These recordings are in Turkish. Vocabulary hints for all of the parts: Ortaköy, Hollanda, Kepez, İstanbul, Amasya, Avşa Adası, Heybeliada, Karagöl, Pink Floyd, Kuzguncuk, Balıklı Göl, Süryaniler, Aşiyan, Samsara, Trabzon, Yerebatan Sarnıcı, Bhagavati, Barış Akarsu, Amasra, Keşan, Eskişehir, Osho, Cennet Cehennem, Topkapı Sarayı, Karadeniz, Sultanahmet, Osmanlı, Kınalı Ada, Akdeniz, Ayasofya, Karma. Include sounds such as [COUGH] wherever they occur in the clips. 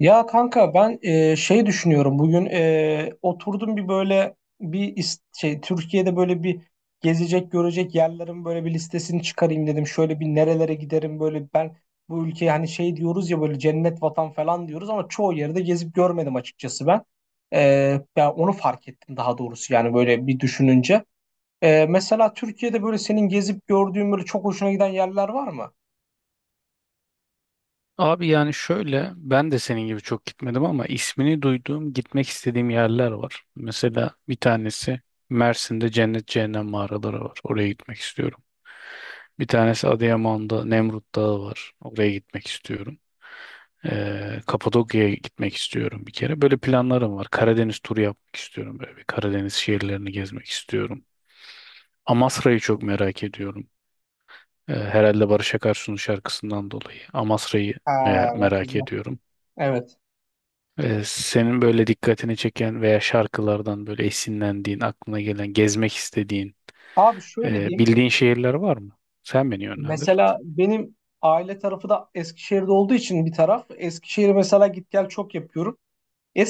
Ya kanka ben şey düşünüyorum bugün oturdum bir böyle bir şey Türkiye'de böyle bir gezecek görecek yerlerin böyle bir listesini çıkarayım dedim. Şöyle bir nerelere giderim böyle ben bu ülkeye hani şey diyoruz ya böyle cennet vatan falan diyoruz ama çoğu yerde gezip görmedim açıkçası ben. Ben onu fark ettim daha doğrusu yani böyle bir düşününce. Mesela Türkiye'de böyle senin gezip gördüğün böyle çok hoşuna giden yerler var mı? Abi yani şöyle ben de senin gibi çok gitmedim ama ismini duyduğum gitmek istediğim yerler var. Mesela bir tanesi Mersin'de Cennet Cehennem mağaraları var. Oraya gitmek istiyorum. Bir tanesi Adıyaman'da Nemrut Dağı var. Oraya gitmek istiyorum. Kapadokya'ya gitmek istiyorum bir kere. Böyle planlarım var. Karadeniz turu yapmak istiyorum. Böyle bir Karadeniz şehirlerini gezmek istiyorum. Amasra'yı çok merak ediyorum. Herhalde Barış Akarsu'nun şarkısından dolayı. Amasra'yı Ha, bak merak güzel. ediyorum. Evet. Senin böyle dikkatini çeken veya şarkılardan böyle esinlendiğin, aklına gelen, gezmek istediğin, Abi şöyle diyeyim. bildiğin şehirler var mı? Sen beni yönlendir. Mesela benim aile tarafı da Eskişehir'de olduğu için bir taraf. Eskişehir'e mesela git gel çok yapıyorum.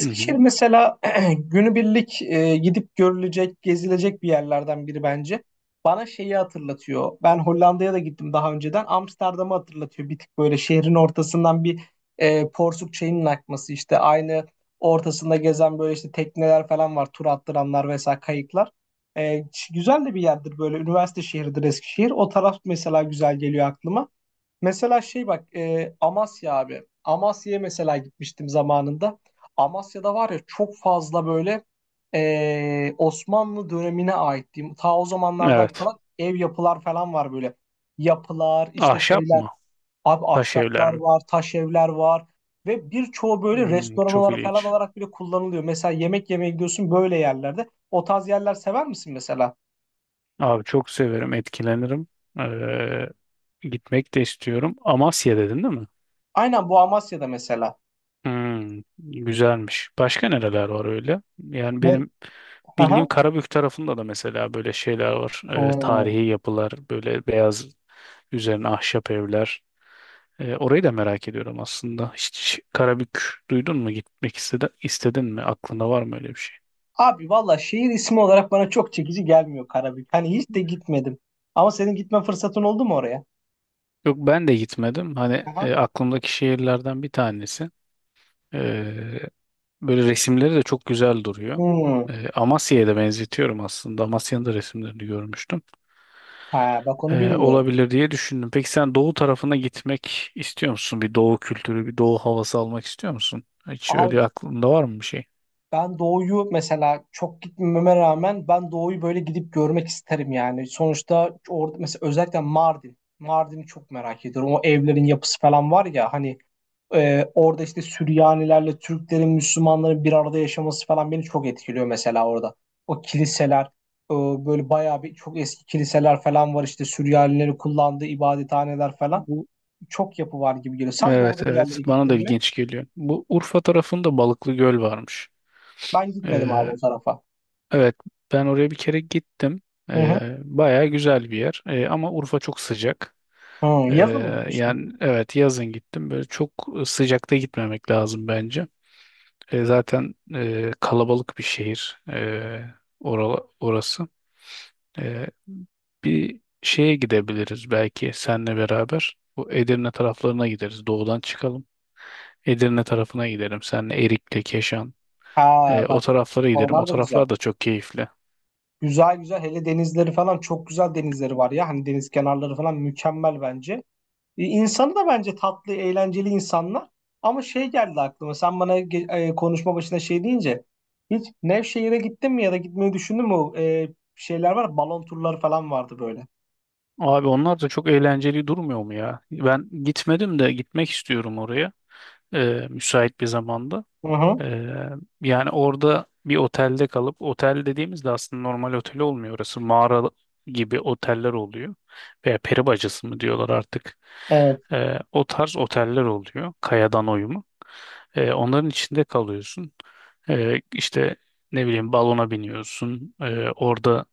Hı hı. mesela [CLEARS THROAT] günübirlik gidip görülecek, gezilecek bir yerlerden biri bence. Bana şeyi hatırlatıyor. Ben Hollanda'ya da gittim daha önceden. Amsterdam'ı hatırlatıyor. Bir tık böyle şehrin ortasından bir porsuk çayının akması işte aynı ortasında gezen böyle işte tekneler falan var. Tur attıranlar vesaire kayıklar. Güzel de bir yerdir böyle. Üniversite şehridir Eskişehir. O taraf mesela güzel geliyor aklıma. Mesela şey bak Amasya abi. Amasya'ya mesela gitmiştim zamanında. Amasya'da var ya çok fazla böyle Osmanlı dönemine ait diyeyim. Ta o zamanlardan Evet. kalan ev yapılar falan var böyle. Yapılar işte Ahşap şeyler. mı? Abi Taş evler ahşaplar mi? var, taş evler var. Ve birçoğu böyle Hmm, restoran çok olarak falan ilginç. olarak bile kullanılıyor. Mesela yemek yemeye gidiyorsun böyle yerlerde. O tarz yerler sever misin mesela? Abi çok severim, etkilenirim. Gitmek de istiyorum. Amasya dedin değil mi? Aynen bu Amasya'da mesela. Hmm, güzelmiş. Başka nereler var öyle? Yani Ne? benim bildiğim Aha. Karabük tarafında da mesela böyle şeyler var. Oo. Tarihi yapılar, böyle beyaz üzerine ahşap evler. Orayı da merak ediyorum aslında. Hiç Karabük duydun mu? Gitmek istedin mi? Aklında var mı öyle bir şey? Abi valla şehir ismi olarak bana çok çekici gelmiyor Karabük. Hani hiç de gitmedim. Ama senin gitme fırsatın oldu mu oraya? Yok, ben de gitmedim. Hani Aha. Aklımdaki şehirlerden bir tanesi. Ee, Böyle resimleri de çok güzel duruyor. Hmm. Amasya'ya da benzetiyorum aslında. Amasya'nın da resimlerini görmüştüm. Ha, bak onu bilmiyorum. Olabilir diye düşündüm. Peki sen doğu tarafına gitmek istiyor musun? Bir doğu kültürü, bir doğu havası almak istiyor musun? Hiç Abi öyle aklında var mı bir şey? ben doğuyu mesela çok gitmeme rağmen ben doğuyu böyle gidip görmek isterim yani. Sonuçta orada mesela özellikle Mardin. Mardin'i çok merak ediyorum. O evlerin yapısı falan var ya hani. Orada işte Süryanilerle Türklerin, Müslümanların bir arada yaşaması falan beni çok etkiliyor mesela orada. O kiliseler, e, böyle bayağı bir çok eski kiliseler falan var işte Süryanilerin kullandığı ibadethaneler falan. Bu Çok yapı var gibi geliyor. Sen evet, doğuda bir yerlere evet, bana da gittin mi? ilginç geliyor. Bu Urfa tarafında Balıklı Göl varmış. Ben gitmedim abi Ee, o tarafa. evet, ben oraya bir kere gittim. Hı hı. Bayağı güzel bir yer. Ama Urfa çok sıcak. Hı, Ee, yazın mı gitmiştin? Yani evet, yazın gittim. Böyle çok sıcakta gitmemek lazım bence. Zaten kalabalık bir şehir. Orası. Ee, Bir şeye gidebiliriz belki senle beraber. Bu Edirne taraflarına gideriz. Doğudan çıkalım. Edirne tarafına gidelim. Senle Erikli, Keşan. Ha O bak taraflara gidelim. O oralar da güzel. taraflar da çok keyifli. Güzel güzel hele denizleri falan çok güzel denizleri var ya. Hani deniz kenarları falan mükemmel bence. İnsanı da bence tatlı, eğlenceli insanlar. Ama şey geldi aklıma. Sen bana konuşma başında şey deyince hiç Nevşehir'e gittin mi ya da gitmeyi düşündün mü? Şeyler var, balon turları falan vardı böyle. Abi onlar da çok eğlenceli durmuyor mu ya? Ben gitmedim de gitmek istiyorum oraya. Müsait bir zamanda. Hı hı. Ee, Yani orada bir otelde kalıp, otel dediğimizde aslında normal otel olmuyor, orası mağara gibi oteller oluyor veya peri bacası mı diyorlar artık. Evet. O tarz oteller oluyor, kayadan oyma. Onların içinde kalıyorsun. İşte ne bileyim, balona biniyorsun. Orada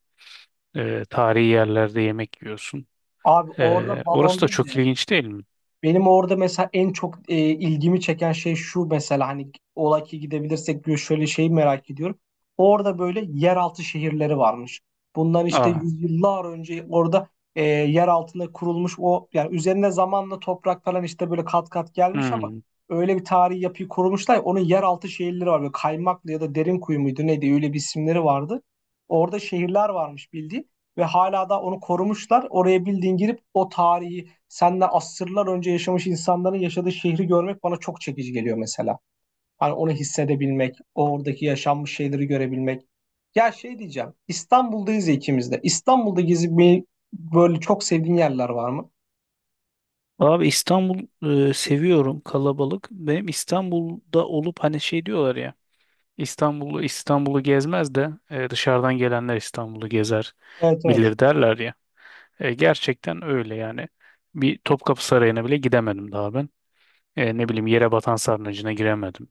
tarihi yerlerde yemek yiyorsun. Abi orada balon Orası da değil çok de ilginç değil mi? benim orada mesela en çok ilgimi çeken şey şu mesela hani ola ki gidebilirsek diyor şöyle şeyi merak ediyorum. Orada böyle yeraltı şehirleri varmış. Bundan işte Aa, yüzyıllar önce orada yer altında kurulmuş o yani üzerine zamanla toprak falan işte böyle kat kat gelmiş ama hmm. öyle bir tarihi yapıyı kurmuşlar. Ya, onun yeraltı şehirleri var. Böyle Kaymaklı ya da derin kuyu muydu neydi öyle bir isimleri vardı. Orada şehirler varmış bildiğin ve hala da onu korumuşlar. Oraya bildiğin girip o tarihi senle asırlar önce yaşamış insanların yaşadığı şehri görmek bana çok çekici geliyor mesela. Hani onu hissedebilmek, oradaki yaşanmış şeyleri görebilmek. Ya şey diyeceğim, İstanbul'dayız ya ikimiz de. İstanbul'da gezip böyle çok sevdiğin yerler var mı? Abi İstanbul seviyorum kalabalık. Benim İstanbul'da olup hani şey diyorlar ya, İstanbul'u gezmez de dışarıdan gelenler İstanbul'u gezer Evet, evet. bilir derler ya. Gerçekten öyle yani. Bir Topkapı Sarayı'na bile gidemedim daha ben. Ne bileyim, Yerebatan Sarnıcı'na giremedim,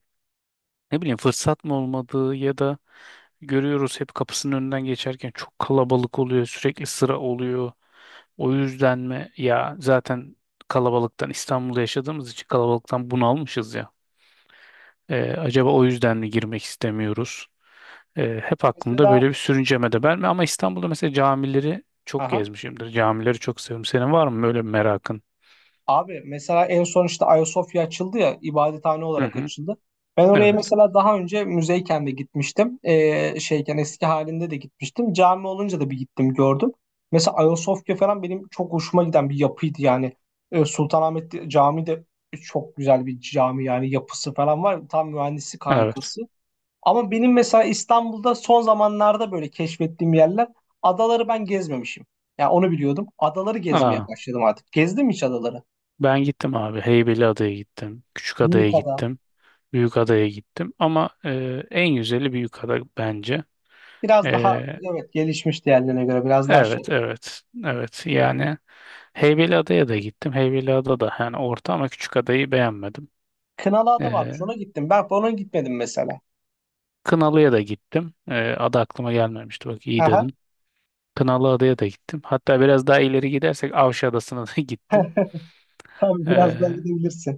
ne bileyim fırsat mı olmadığı ya da görüyoruz hep, kapısının önünden geçerken çok kalabalık oluyor, sürekli sıra oluyor. O yüzden mi ya, zaten kalabalıktan, İstanbul'da yaşadığımız için kalabalıktan bunalmışız ya. Acaba o yüzden mi girmek istemiyoruz? Hep aklımda Mesela. böyle bir sürünceme de ben, ama İstanbul'da mesela camileri çok Aha. gezmişimdir. Camileri çok seviyorum. Senin var mı böyle bir merakın? Abi mesela en son işte Ayasofya açıldı ya ibadethane Hı olarak hı. açıldı. Ben oraya Evet. mesela daha önce müzeyken de gitmiştim. Şeyken eski halinde de gitmiştim. Cami olunca da bir gittim gördüm. Mesela Ayasofya falan benim çok hoşuma giden bir yapıydı yani. Sultanahmet Camii de çok güzel bir cami yani yapısı falan var. Tam mühendislik Evet. harikası. Ama benim mesela İstanbul'da son zamanlarda böyle keşfettiğim yerler adaları ben gezmemişim. Yani onu biliyordum. Adaları gezmeye Aa, başladım artık. Gezdim hiç adaları. ben gittim abi. Heybeliada'ya gittim. Küçükada'ya Büyük ada. gittim. Büyükada'ya gittim ama en güzeli Büyükada bence. Biraz daha, E, evet, gelişmiş diğerlerine göre biraz daha şey. evet, evet, evet, yani Heybeliada'ya da gittim. Heybeliada da yani orta, ama küçük adayı beğenmedim. Kınalı Ada E, varmış ona gittim. Ben ona gitmedim mesela. Kınalı'ya da gittim. Adı aklıma gelmemişti, bak iyi Aha. dedin. Kınalı Adaya da gittim. Hatta biraz daha ileri gidersek Avşa Adası'na da [LAUGHS] gittim. [LAUGHS] Tabii biraz daha E, gidebilirsin.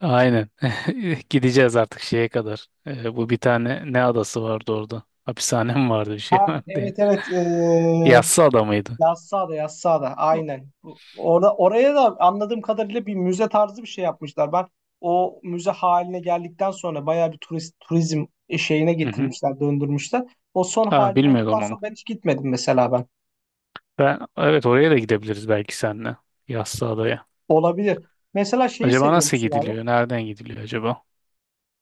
aynen [LAUGHS] gideceğiz artık şeye kadar. Bu bir tane ne adası vardı orada? Hapishanem vardı, bir şey Ha vardı. [LAUGHS] ya. evet evet ee, Yassı ada mıydı? Yassıada Yassıada O- aynen. Orada, oraya da anladığım kadarıyla bir müze tarzı bir şey yapmışlar. Ben o müze haline geldikten sonra bayağı bir turist, turizm şeyine Hı hı. getirmişler, döndürmüşler. O son Ha, hali olduktan bilmiyorum onu. sonra ben hiç gitmedim mesela ben. Ben, evet, oraya da gidebiliriz belki senle Yassıada'ya. Olabilir. Mesela şeyi Acaba seviyor nasıl musun abi? gidiliyor? Nereden gidiliyor acaba?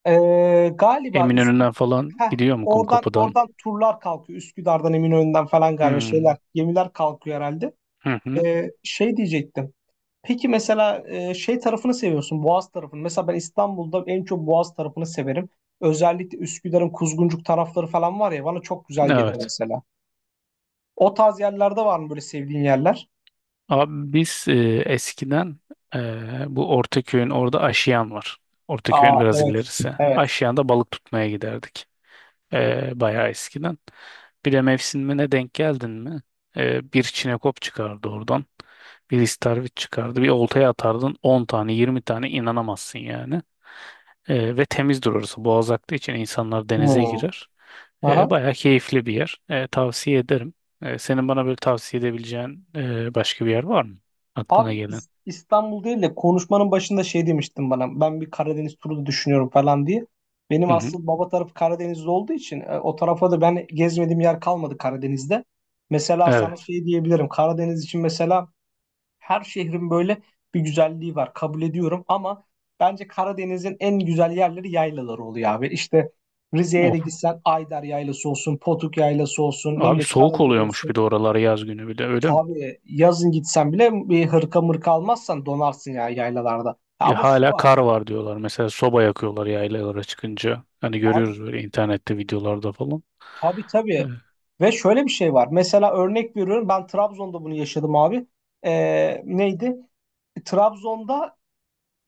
Galiba Eminönü'nden falan Üsküdar gidiyor mu, oradan, Kumkapı'dan? Turlar kalkıyor. Üsküdar'dan Eminönü'nden falan galiba Hmm. şeyler gemiler kalkıyor herhalde. Hı hı. Şey diyecektim. Peki mesela şey tarafını seviyorsun, Boğaz tarafını. Mesela ben İstanbul'da en çok Boğaz tarafını severim. Özellikle Üsküdar'ın Kuzguncuk tarafları falan var ya bana çok güzel gelir Evet. mesela. O tarz yerlerde var mı böyle sevdiğin yerler? Abi biz eskiden, bu Ortaköy'ün orada Aşiyan var. Ortaköy'ün Aa, biraz evet. ilerisi. Evet. Aşiyan'da balık tutmaya giderdik. Bayağı eskiden. Bir de mevsimine denk geldin mi? Bir çinekop çıkardı oradan. Bir istarvit çıkardı. Bir oltaya atardın 10 tane 20 tane, inanamazsın yani. Ve temizdir orası. Boğaz aktığı için insanlar denize Hmm. girer. Aha. Bayağı keyifli bir yer. Tavsiye ederim. Senin bana böyle tavsiye edebileceğin başka bir yer var mı? Aklına Abi gelen. İs- İstanbul değil de konuşmanın başında şey demiştin bana. Ben bir Karadeniz turu da düşünüyorum falan diye. Benim Hı hı. asıl baba tarafı Karadeniz'de olduğu için o tarafa da ben gezmediğim yer kalmadı Karadeniz'de. Mesela sana Evet. şey diyebilirim. Karadeniz için mesela her şehrin böyle bir güzelliği var. Kabul ediyorum ama bence Karadeniz'in en güzel yerleri yaylaları oluyor abi. İşte Rize'ye de Of. gitsen Ayder Yaylası olsun, Potuk Yaylası olsun, ne Abi bileyim soğuk Karagöl oluyormuş bir olsun. de oraları, yaz günü bir de öyle mi? Abi yazın gitsen bile bir hırka mırka almazsan donarsın ya yaylalarda. Ya Ama şu hala var. kar var diyorlar. Mesela soba yakıyorlar yaylalara çıkınca. Hani Abi görüyoruz böyle internette videolarda falan. tabii tabii. Evet. Ve şöyle bir şey var. Mesela örnek veriyorum. Ben Trabzon'da bunu yaşadım abi. Neydi? Trabzon'da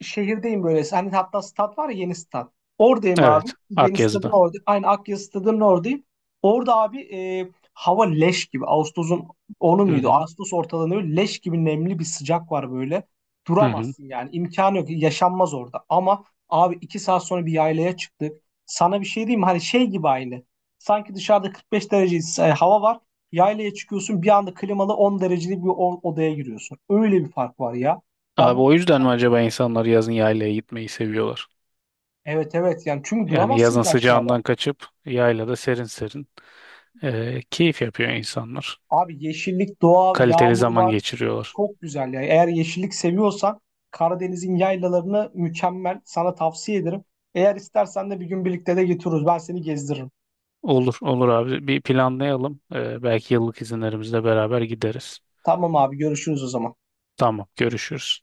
şehirdeyim böyle. Hani hatta stat var ya yeni stat. Oradayım abi. Evet. Yeni stadın Akyazı'da. orada. Aynı Akya stadının oradayım. Orada abi hava leş gibi. Ağustos'un onu Hı muydu? hı. Ağustos ortalarında böyle leş gibi nemli bir sıcak var böyle. Hı hı. Duramazsın yani. İmkanı yok. Yaşanmaz orada. Ama abi iki saat sonra bir yaylaya çıktık. Sana bir şey diyeyim mi? Hani şey gibi aynı. Sanki dışarıda 45 derece hava var. Yaylaya çıkıyorsun bir anda klimalı 10 derecelik bir odaya giriyorsun. Öyle bir fark var ya. Abi Ben o yüzden mi acaba insanlar yazın yaylaya gitmeyi seviyorlar? evet, evet yani çünkü Yani duramazsın yazın ki aşağıda. sıcağından kaçıp yaylada serin serin keyif yapıyor insanlar. Abi yeşillik, doğa, Kaliteli yağmur zaman var. geçiriyorlar. Çok güzel ya. Eğer yeşillik seviyorsan Karadeniz'in yaylalarını mükemmel. Sana tavsiye ederim. Eğer istersen de bir gün birlikte de getiririz. Ben seni gezdiririm. Olur, olur abi. Bir planlayalım. Belki yıllık izinlerimizle beraber gideriz. Tamam abi görüşürüz o zaman. Tamam, görüşürüz.